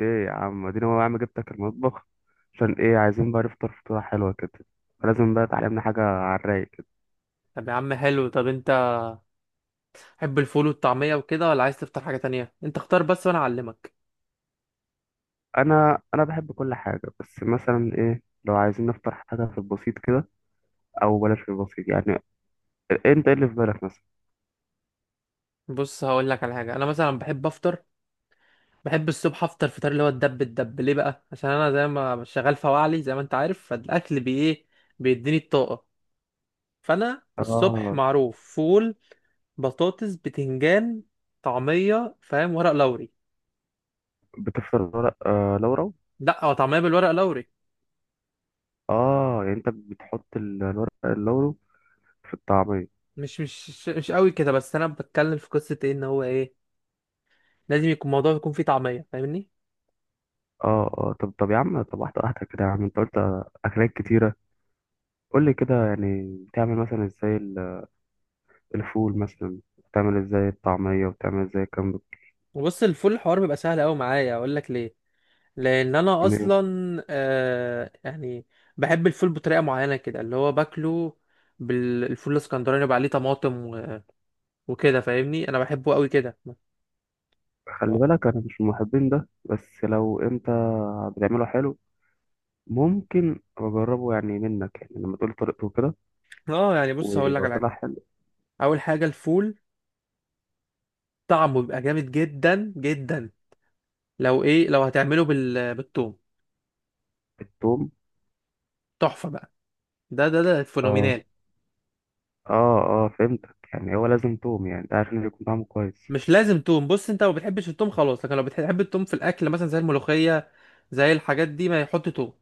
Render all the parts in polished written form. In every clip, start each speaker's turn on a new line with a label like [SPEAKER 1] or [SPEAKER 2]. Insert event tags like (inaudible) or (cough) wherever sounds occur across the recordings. [SPEAKER 1] ايه يا عم اديني، هو يا عم جبتك المطبخ عشان ايه؟ عايزين بقى نفطر فطوره حلوه كده، فلازم بقى تعلمنا حاجه على الرايق كده.
[SPEAKER 2] طب يا عم حلو. طب انت تحب الفول والطعمية وكده، ولا عايز تفطر حاجة تانية؟ انت اختار بس وانا اعلمك.
[SPEAKER 1] انا بحب كل حاجه، بس مثلا ايه، لو عايزين نفطر حاجه في البسيط كده، او بلاش في البسيط يعني، انت ايه اللي في بالك مثلا؟
[SPEAKER 2] بص هقول لك على حاجة. انا مثلا بحب افطر، بحب الصبح افطر فطار اللي هو الدب. ليه بقى؟ عشان انا زي ما شغال فواعلي زي ما انت عارف، فالاكل بي ايه بيديني الطاقة. فانا الصبح
[SPEAKER 1] اه،
[SPEAKER 2] معروف فول، بطاطس، بتنجان، طعمية، فاهم؟ ورق لوري.
[SPEAKER 1] بتفطر ورق آه لورا؟
[SPEAKER 2] لا، هو طعمية بالورق لوري.
[SPEAKER 1] اه يعني انت بتحط الورق اللورو في الطعميه؟
[SPEAKER 2] مش قوي كده، بس انا بتكلم في قصة ايه، ان هو ايه لازم يكون الموضوع يكون فيه طعمية، فاهمني؟
[SPEAKER 1] اه اه، طب يا عم، طب واحده واحده كده يا عم، انت قلت اكلات كتيره، قول لي كده يعني بتعمل مثلا ازاي الفول مثلا، بتعمل ازاي الطعمية، بتعمل ازاي كام
[SPEAKER 2] بص الفول الحوار بيبقى سهل قوي معايا، اقول لك ليه؟ لان انا
[SPEAKER 1] بتجنيه؟
[SPEAKER 2] اصلا، آه يعني بحب الفول بطريقه معينه كده اللي هو باكله. بالفول الاسكندراني يبقى عليه طماطم وكده، فاهمني؟ انا بحبه قوي كده.
[SPEAKER 1] خلي بالك انا مش من محبين ده، بس لو انت بتعمله حلو ممكن اجربه يعني منك، يعني لما تقول طريقته كده،
[SPEAKER 2] اه يعني، بص هقول لك
[SPEAKER 1] ولو
[SPEAKER 2] على حاجه.
[SPEAKER 1] طلع حلو.
[SPEAKER 2] اول حاجه الفول طعمه بيبقى جامد جدا جدا، لو ايه؟ لو هتعمله بالثوم،
[SPEAKER 1] التوم؟
[SPEAKER 2] تحفه بقى. ده
[SPEAKER 1] اه
[SPEAKER 2] فينومينال.
[SPEAKER 1] اه اه، فهمتك، يعني هو لازم توم يعني ده عشان يكون طعمه كويس؟
[SPEAKER 2] مش لازم توم، بص انت لو بتحبش التوم خلاص، لكن لو بتحب التوم في الاكل مثلا زي الملوخيه، زي الحاجات دي، ما يحط توم.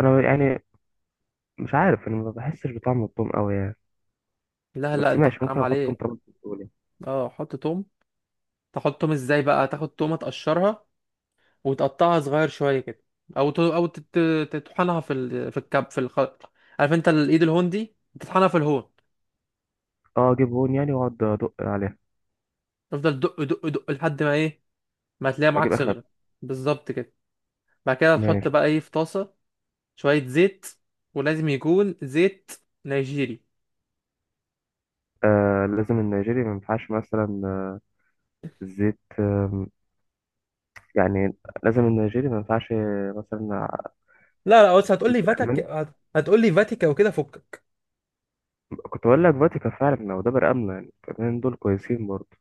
[SPEAKER 1] انا يعني مش عارف، انا ما بحسش بطعم التوم قوي يعني،
[SPEAKER 2] لا لا،
[SPEAKER 1] بس
[SPEAKER 2] انت
[SPEAKER 1] ماشي، ممكن
[SPEAKER 2] حرام
[SPEAKER 1] احط
[SPEAKER 2] عليك.
[SPEAKER 1] مطرب بتقولي.
[SPEAKER 2] اه حط توم. تحط توم ازاي بقى؟ تاخد تومه، تقشرها وتقطعها صغير شويه كده، او ت... او تت... تطحنها في الخلط، عارف انت الايد الهندي؟ تطحنها في الهون.
[SPEAKER 1] اه اجيب هون يعني واقعد ادق عليها؟
[SPEAKER 2] تفضل دق دق دق لحد ما ايه، ما تلاقي معاك
[SPEAKER 1] واجيب اخر.
[SPEAKER 2] صغرت. بالظبط كده. بعد كده تحط
[SPEAKER 1] ماشي.
[SPEAKER 2] بقى ايه؟ في طاسه شويه زيت، ولازم يكون زيت نيجيري.
[SPEAKER 1] آه، لازم النيجيري؟ ما ينفعش مثلا زيت يعني، لازم النيجيري؟ ما ينفعش مثلا
[SPEAKER 2] لا لا، بس هتقول
[SPEAKER 1] زيت
[SPEAKER 2] لي فاتك،
[SPEAKER 1] الألماني؟
[SPEAKER 2] هتقول لي فاتيكا وكده، فكك.
[SPEAKER 1] كنت بقول لك فاتيكا فعلا، وده بقى آمنة، يعني الاتنين دول كويسين برضه.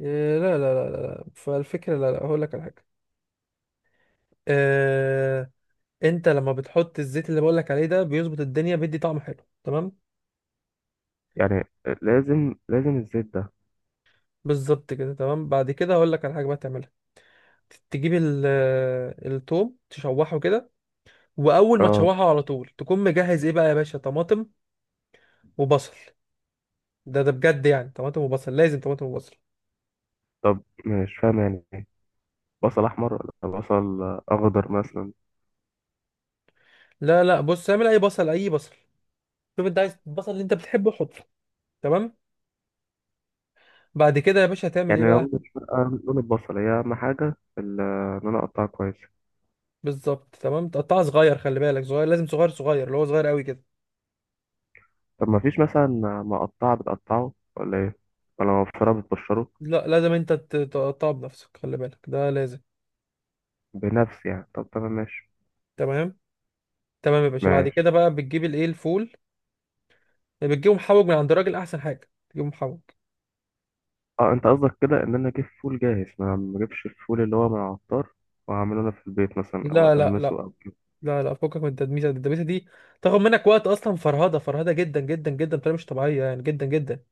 [SPEAKER 2] إيه، لا لا لا لا لا. فالفكرة لا لا هقول لك على حاجة، آه، انت لما بتحط الزيت اللي بقولك عليه ده، بيظبط الدنيا، بيدي طعم حلو تمام.
[SPEAKER 1] يعني لازم الزيت ده؟
[SPEAKER 2] بالظبط كده، تمام. بعد كده هقولك على حاجه بقى تعملها، تجيب التوم تشوحه كده. واول ما
[SPEAKER 1] اه.
[SPEAKER 2] تشوحه على طول تكون مجهز ايه بقى يا باشا؟ طماطم وبصل، ده بجد يعني، طماطم وبصل، لازم طماطم وبصل.
[SPEAKER 1] طب مش فاهم يعني إيه؟ بصل أحمر ولا بصل أخضر مثلا؟
[SPEAKER 2] لا لا، بص اعمل اي بصل اي بصل، شوف انت عايز البصل اللي انت بتحبه حطه، تمام. بعد كده يا باشا هتعمل ايه
[SPEAKER 1] يعني
[SPEAKER 2] بقى؟
[SPEAKER 1] لو مش فارقة لون البصل، هي أهم حاجة إن أنا أقطعه كويس.
[SPEAKER 2] بالظبط تمام، تقطعها صغير، خلي بالك صغير، لازم صغير صغير، اللي هو صغير قوي كده.
[SPEAKER 1] طب ما فيش مثلا مقطعة بتقطعه، ولا إيه، ولا مبشرة بتبشره؟
[SPEAKER 2] لا لازم انت تقطعه بنفسك، خلي بالك ده لازم.
[SPEAKER 1] بنفس، يعني طب تمام، ماشي.
[SPEAKER 2] تمام. تمام يا باشا، بعد
[SPEAKER 1] ماشي.
[SPEAKER 2] كده بقى بتجيب الايه الفول، بتجيبه محوج من عند الراجل، احسن حاجه تجيبه محوج.
[SPEAKER 1] اه انت قصدك كده ان انا اجيب فول جاهز، ما اجيبش الفول اللي هو من العطار واعمله انا في البيت مثلا، او
[SPEAKER 2] لا لا لا
[SPEAKER 1] ادمسه، او أجيبه.
[SPEAKER 2] لا لا، فكك من التدميسه دي، التدميسه دي تاخد منك وقت اصلا، فرهده، فرهده جدا جدا جدا بطريقه مش طبيعيه، يعني جدا جدا.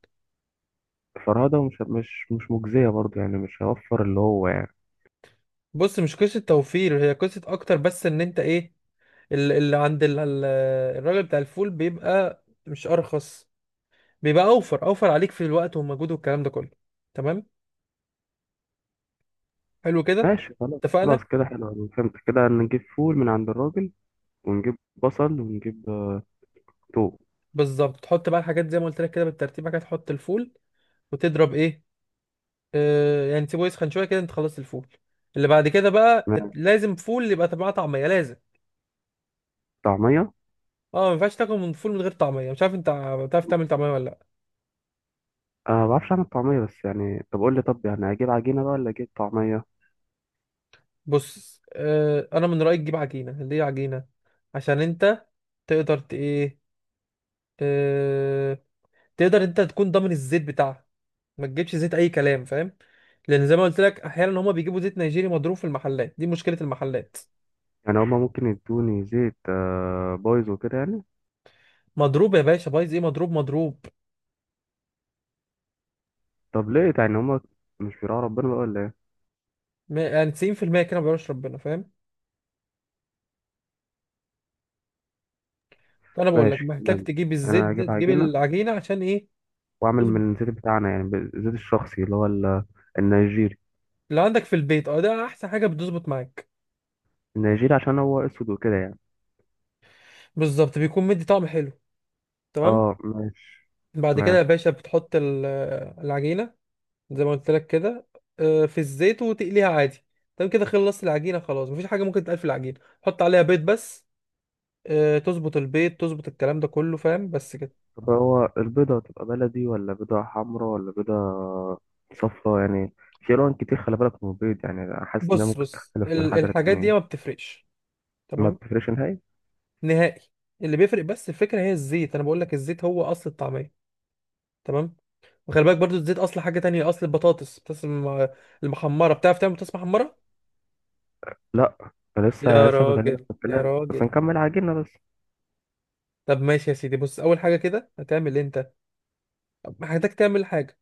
[SPEAKER 1] فرهده؟ مش مجزيه برضه يعني؟ مش هوفر اللي هو يعني.
[SPEAKER 2] بص مش قصه توفير، هي قصه اكتر بس، ان انت ايه، اللي عند الراجل بتاع الفول بيبقى مش ارخص، بيبقى اوفر، اوفر عليك في الوقت والمجهود والكلام ده كله. تمام، حلو كده،
[SPEAKER 1] ماشي، خلاص
[SPEAKER 2] اتفقنا.
[SPEAKER 1] خلاص كده، حلو أوي. فهمت كده، نجيب فول من عند الراجل، ونجيب بصل، ونجيب توم.
[SPEAKER 2] بالظبط، تحط بقى الحاجات زي ما قلت لك كده بالترتيب. بعد كده تحط الفول وتضرب ايه، آه يعني تسيبه يسخن شويه كده، انت خلصت الفول. اللي بعد كده بقى
[SPEAKER 1] ماشي.
[SPEAKER 2] لازم فول يبقى طبعا، طعميه لازم.
[SPEAKER 1] طعميه.
[SPEAKER 2] اه ما ينفعش تاكل من فول من غير طعميه، مش عارف انت بتعرف تعمل طعميه ولا لا؟
[SPEAKER 1] انا ما بعرفش اعمل طعميه، بس يعني طب قول لي، طب يعني اجيب عجينه بقى ولا اجيب طعميه؟
[SPEAKER 2] بص آه، انا من رايي تجيب عجينه، ليه عجينه؟ عشان انت تقدر ايه، آه، تقدر انت تكون ضامن الزيت بتاعها، ما تجيبش زيت اي كلام، فاهم؟ لان زي ما قلت لك احيانا هما بيجيبوا زيت نيجيري مضروب في المحلات، دي مشكله المحلات.
[SPEAKER 1] يعني هما ممكن يدوني زيت بايظ وكده يعني؟
[SPEAKER 2] مضروب يا باشا، بايظ ايه، مضروب مضروب.
[SPEAKER 1] طب ليه يعني هما مش بيراعوا ربنا بقى ولا إيه؟
[SPEAKER 2] يعني 90% كده ما بيعرفش ربنا، فاهم؟ فانا بقول لك
[SPEAKER 1] ماشي
[SPEAKER 2] محتاج
[SPEAKER 1] تمام،
[SPEAKER 2] تجيب الزيت
[SPEAKER 1] انا
[SPEAKER 2] ده،
[SPEAKER 1] هجيب
[SPEAKER 2] تجيب
[SPEAKER 1] عجينه
[SPEAKER 2] العجينه عشان ايه؟
[SPEAKER 1] واعمل
[SPEAKER 2] تظبط.
[SPEAKER 1] من الزيت بتاعنا، يعني بالزيت الشخصي اللي هو النيجيري.
[SPEAKER 2] اللي عندك في البيت اه، ده احسن حاجه بتظبط معاك.
[SPEAKER 1] النيجيري عشان هو اسود وكده يعني.
[SPEAKER 2] بالظبط بيكون مدي طعم حلو، تمام.
[SPEAKER 1] اه ماشي،
[SPEAKER 2] بعد كده
[SPEAKER 1] تمام.
[SPEAKER 2] يا باشا بتحط العجينه زي ما قلت لك كده، آه، في الزيت وتقليها عادي. تمام كده خلصت العجينه، خلاص مفيش حاجه ممكن تتقال في العجينه، حط عليها بيض بس، آه، تظبط البيض تظبط الكلام ده كله، فاهم؟ بس كده.
[SPEAKER 1] طب هو البيضه تبقى بلدي، ولا بيضه حمراء، ولا بيضه صفراء يعني؟ في الوان كتير، خلي بالك من البيض يعني، أنا حاسس انها
[SPEAKER 2] بص
[SPEAKER 1] ممكن
[SPEAKER 2] بص
[SPEAKER 1] تختلف من حاجه
[SPEAKER 2] الحاجات دي ما
[SPEAKER 1] للتانيه.
[SPEAKER 2] بتفرقش،
[SPEAKER 1] ما
[SPEAKER 2] تمام،
[SPEAKER 1] بتفرقش نهائي؟
[SPEAKER 2] نهائي. اللي بيفرق بس الفكره هي الزيت، انا بقول لك الزيت هو اصل الطعميه، تمام. وخلي بالك برضو الزيت اصل حاجه تانية، اصل البطاطس، بطاطس المحمره، بتعرف تعمل بطاطس محمره؟
[SPEAKER 1] لا، أنا لسه
[SPEAKER 2] يا
[SPEAKER 1] لسه كنت هجيلك
[SPEAKER 2] راجل،
[SPEAKER 1] في
[SPEAKER 2] يا
[SPEAKER 1] الكلام، بس
[SPEAKER 2] راجل.
[SPEAKER 1] نكمل عجينه بس.
[SPEAKER 2] طب ماشي يا سيدي، بص اول حاجه كده هتعمل انت، محتاج تعمل حاجه،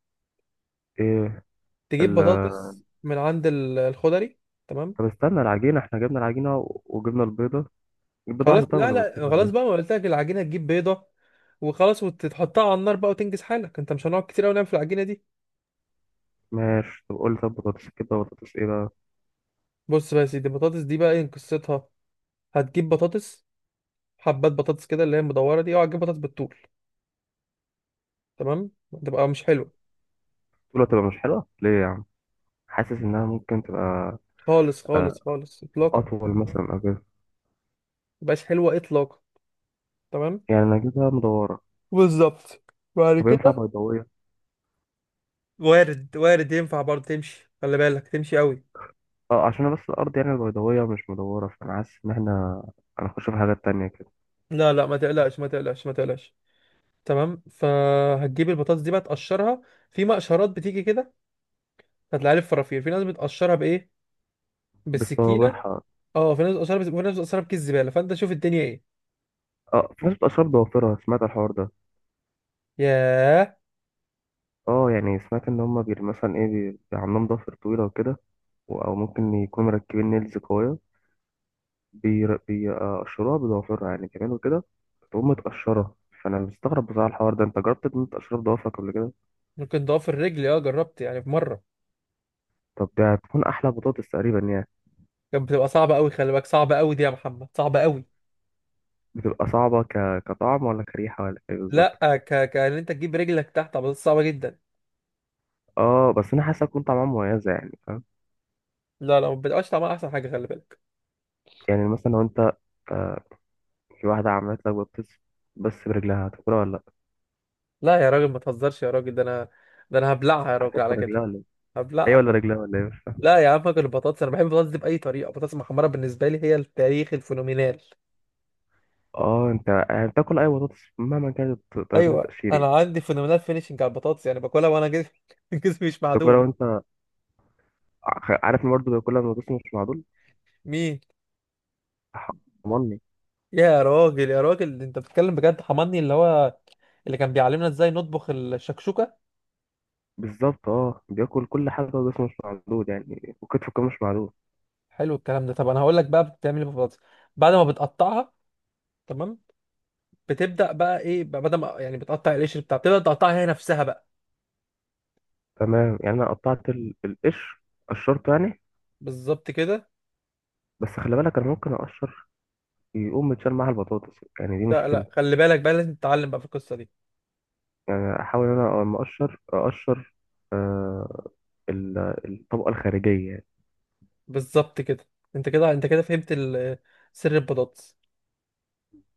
[SPEAKER 1] ايه
[SPEAKER 2] تجيب
[SPEAKER 1] ال.
[SPEAKER 2] بطاطس من عند الخضري، تمام.
[SPEAKER 1] طب استنى العجينه، احنا جبنا العجينه وجبنا البيضه، البيضه
[SPEAKER 2] خلاص
[SPEAKER 1] واحده طيب
[SPEAKER 2] لا
[SPEAKER 1] ولا بيضتين،
[SPEAKER 2] لا،
[SPEAKER 1] ولا
[SPEAKER 2] خلاص بقى ما
[SPEAKER 1] إيه؟
[SPEAKER 2] قلت لك العجينه تجيب بيضه وخلاص، وتحطها على النار بقى وتنجز حالك، انت مش هنقعد كتير قوي نعمل في العجينه دي.
[SPEAKER 1] ماشي، طب قول لي، طب بطاطس كده، بطاطس ايه بقى؟
[SPEAKER 2] بص بقى يا سيدي، البطاطس دي بقى ايه قصتها، هتجيب بطاطس، حبات بطاطس كده اللي هي المدوره دي، اوعى تجيب بطاطس بالطول، تمام، تبقى مش حلوه.
[SPEAKER 1] بتقول هتبقى مش حلوه ليه يا عم؟ حاسس انها ممكن تبقى
[SPEAKER 2] خالص
[SPEAKER 1] آه،
[SPEAKER 2] خالص خالص اطلاقا،
[SPEAKER 1] اطول مثلا او كده.
[SPEAKER 2] مبقاش حلوه اطلاقا، تمام.
[SPEAKER 1] يعني انا اجيبها مدوره؟
[SPEAKER 2] بالظبط. بعد
[SPEAKER 1] طب ينفع
[SPEAKER 2] كده
[SPEAKER 1] بيضاويه؟
[SPEAKER 2] وارد وارد، ينفع برضه تمشي، خلي بالك تمشي قوي.
[SPEAKER 1] اه، عشان أنا بس الارض، يعني البيضاويه مش مدوره، فانا حاسس ان احنا هنخش في حاجات تانية كده.
[SPEAKER 2] لا لا، ما تقلقش، ما تقلقش، ما تقلقش. تمام، فهتجيب البطاطس دي بقى تقشرها. في مقشرات بتيجي كده، هتلاقيها لي في فرافير. في ناس بتقشرها بايه؟ بالسكينه.
[SPEAKER 1] بصوابعها؟
[SPEAKER 2] اه في ناس بتقشرها وفي ناس بتقشرها بكيس زباله، فانت شوف الدنيا ايه.
[SPEAKER 1] اه، في ناس بتبقى شرب ضوافرها، سمعت الحوار ده؟
[SPEAKER 2] ياه.
[SPEAKER 1] اه يعني، سمعت ان هما بي مثلا ايه، بي عندهم ضوافر طويله وكده، او ممكن يكونوا مركبين نيلز قويه، بيقشروها بضوافرها يعني كمان وكده، بتقوم متقشرة. فأنا مستغرب بصراحة الحوار ده، أنت جربت إن أنت تقشرها بضوافرك قبل كده؟
[SPEAKER 2] ممكن ضعف الرجل، اه جربت يعني في مره.
[SPEAKER 1] طب ده هتكون أحلى بطاطس تقريبا يعني.
[SPEAKER 2] كانت بتبقى صعبة قوي، خلي بالك صعبة قوي دي يا محمد، صعبة قوي.
[SPEAKER 1] بتبقى صعبة كطعم، ولا كريحة، ولا إيه بالظبط؟
[SPEAKER 2] لا، ك، ان انت تجيب رجلك تحت عملية صعبة جدا.
[SPEAKER 1] آه، بس أنا حاسة تكون طعمها مميزة يعني، فاهم؟
[SPEAKER 2] لا لا، ما بتبقاش طعمها احسن حاجة، خلي بالك.
[SPEAKER 1] يعني مثلا لو أنت آه، في واحدة عملت لك بطاطس بس برجلها، هتاكلها ولا لأ؟
[SPEAKER 2] لا يا راجل ما تهزرش يا راجل، ده انا هبلعها يا راجل
[SPEAKER 1] هتاكل
[SPEAKER 2] على
[SPEAKER 1] رجلها
[SPEAKER 2] كده،
[SPEAKER 1] ولا إيه؟ هي
[SPEAKER 2] هبلعها.
[SPEAKER 1] ولا رجلها ولا إيه؟ مش فاهم.
[SPEAKER 2] لا يا عم فاكر، البطاطس انا بحب البطاطس دي بأي طريقة، البطاطس المحمرة بالنسبة لي هي التاريخ الفينومينال.
[SPEAKER 1] آه، أنت يعني بتاكل أي بطاطس مهما كانت طريقة
[SPEAKER 2] ايوه،
[SPEAKER 1] التقشير يعني؟
[SPEAKER 2] انا عندي فينومينال فينيشنج على البطاطس، يعني باكلها وانا جسمي (laughs) جسمي مش
[SPEAKER 1] بتاكلها
[SPEAKER 2] معدول.
[SPEAKER 1] وأنت عارف إن برضه بياكلها من بطاطس مش معدول؟
[SPEAKER 2] مين؟
[SPEAKER 1] حرمني.
[SPEAKER 2] يا راجل يا راجل، انت بتتكلم بجد؟ حماني اللي هو اللي كان بيعلمنا ازاي نطبخ الشكشوكة.
[SPEAKER 1] بالظبط، اه بياكل كل حاجة وجسمه مش معدود يعني، وكتفه كمان مش معدود.
[SPEAKER 2] حلو الكلام ده، طب انا هقول لك بقى بتعمل ايه بالبطاطس بعد ما بتقطعها. تمام، بتبدا بقى ايه بقى، بدل ما يعني بتقطع القشر بتاع، بتبدا تقطعها هي نفسها بقى.
[SPEAKER 1] تمام، يعني أنا قطعت القشر، قشرته يعني.
[SPEAKER 2] بالظبط كده.
[SPEAKER 1] بس خلي بالك، أنا ممكن أقشر يقوم متشال معاها البطاطس يعني، دي
[SPEAKER 2] لا
[SPEAKER 1] مشكلة.
[SPEAKER 2] لا خلي بالك بقى لازم تتعلم بقى في القصه دي.
[SPEAKER 1] يعني أحاول إن أنا لما أقشر أقشر آه ال- الطبقة الخارجية يعني.
[SPEAKER 2] بالظبط كده، انت كده فهمت سر البطاطس.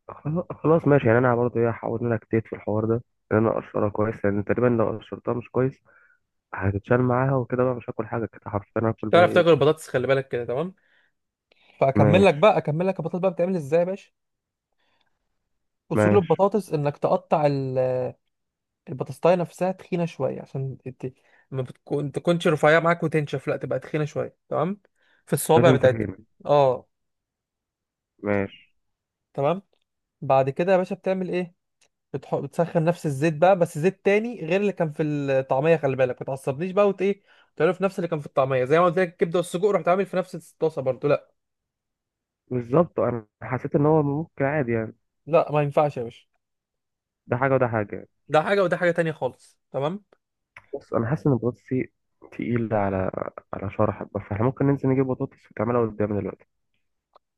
[SPEAKER 1] خلاص خلاص. يعني أنا برضه إيه، هحاول إن أنا أجتهد في الحوار ده، إن أنا أقشرها كويس، لأن تقريبا لو قشرتها مش كويس هتتشال معاها وكده، بقى مش هاكل حاجة كده حرفيا،
[SPEAKER 2] مش
[SPEAKER 1] هاكل بقى
[SPEAKER 2] تعرف
[SPEAKER 1] إيه.
[SPEAKER 2] تاكل البطاطس، خلي بالك كده، تمام. فاكمل لك
[SPEAKER 1] ماشي.
[SPEAKER 2] بقى اكمل لك البطاطس بقى، بتعمل ازاي يا باشا؟ اصول
[SPEAKER 1] ماشي،
[SPEAKER 2] البطاطس انك تقطع البطاطاية نفسها تخينة شوية، عشان ما بتكون تكونش رفيعة معاك وتنشف، لا تبقى تخينة شوية، تمام، في الصوابع
[SPEAKER 1] لازم
[SPEAKER 2] بتاعتها.
[SPEAKER 1] تفهمني.
[SPEAKER 2] اه،
[SPEAKER 1] ماشي.
[SPEAKER 2] تمام. بعد كده يا باشا بتعمل ايه؟ بتسخن نفس الزيت بقى، بس زيت تاني غير اللي كان في الطعمية، خلي بالك ما تعصبنيش بقى، ايه تعمله في نفس اللي كان في الطعمية زي ما قلت لك الكبدة والسجق، رحت عامل في نفس الطاسة برضو، لا.
[SPEAKER 1] بالظبط، انا حسيت ان هو ممكن عادي يعني،
[SPEAKER 2] لا ما ينفعش يا باشا،
[SPEAKER 1] ده حاجه وده حاجه.
[SPEAKER 2] ده حاجة وده حاجة تانية خالص، تمام.
[SPEAKER 1] بس انا حاسس ان البطاطس دي تقيلة على على شرحك، بس احنا ممكن ننزل نجيب بطاطس وتعملها قدامي دلوقتي.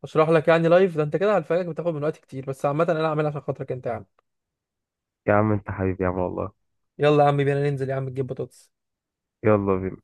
[SPEAKER 2] اشرح لك يعني لايف ده، انت كده هتفاجئك، بتاخد من وقت كتير، بس عامة انا هعملها عشان خاطرك انت يا عم.
[SPEAKER 1] يا عم انت حبيبي يا عم والله.
[SPEAKER 2] يلا يا عم بينا ننزل يا عم نجيب بطاطس.
[SPEAKER 1] يلا بينا.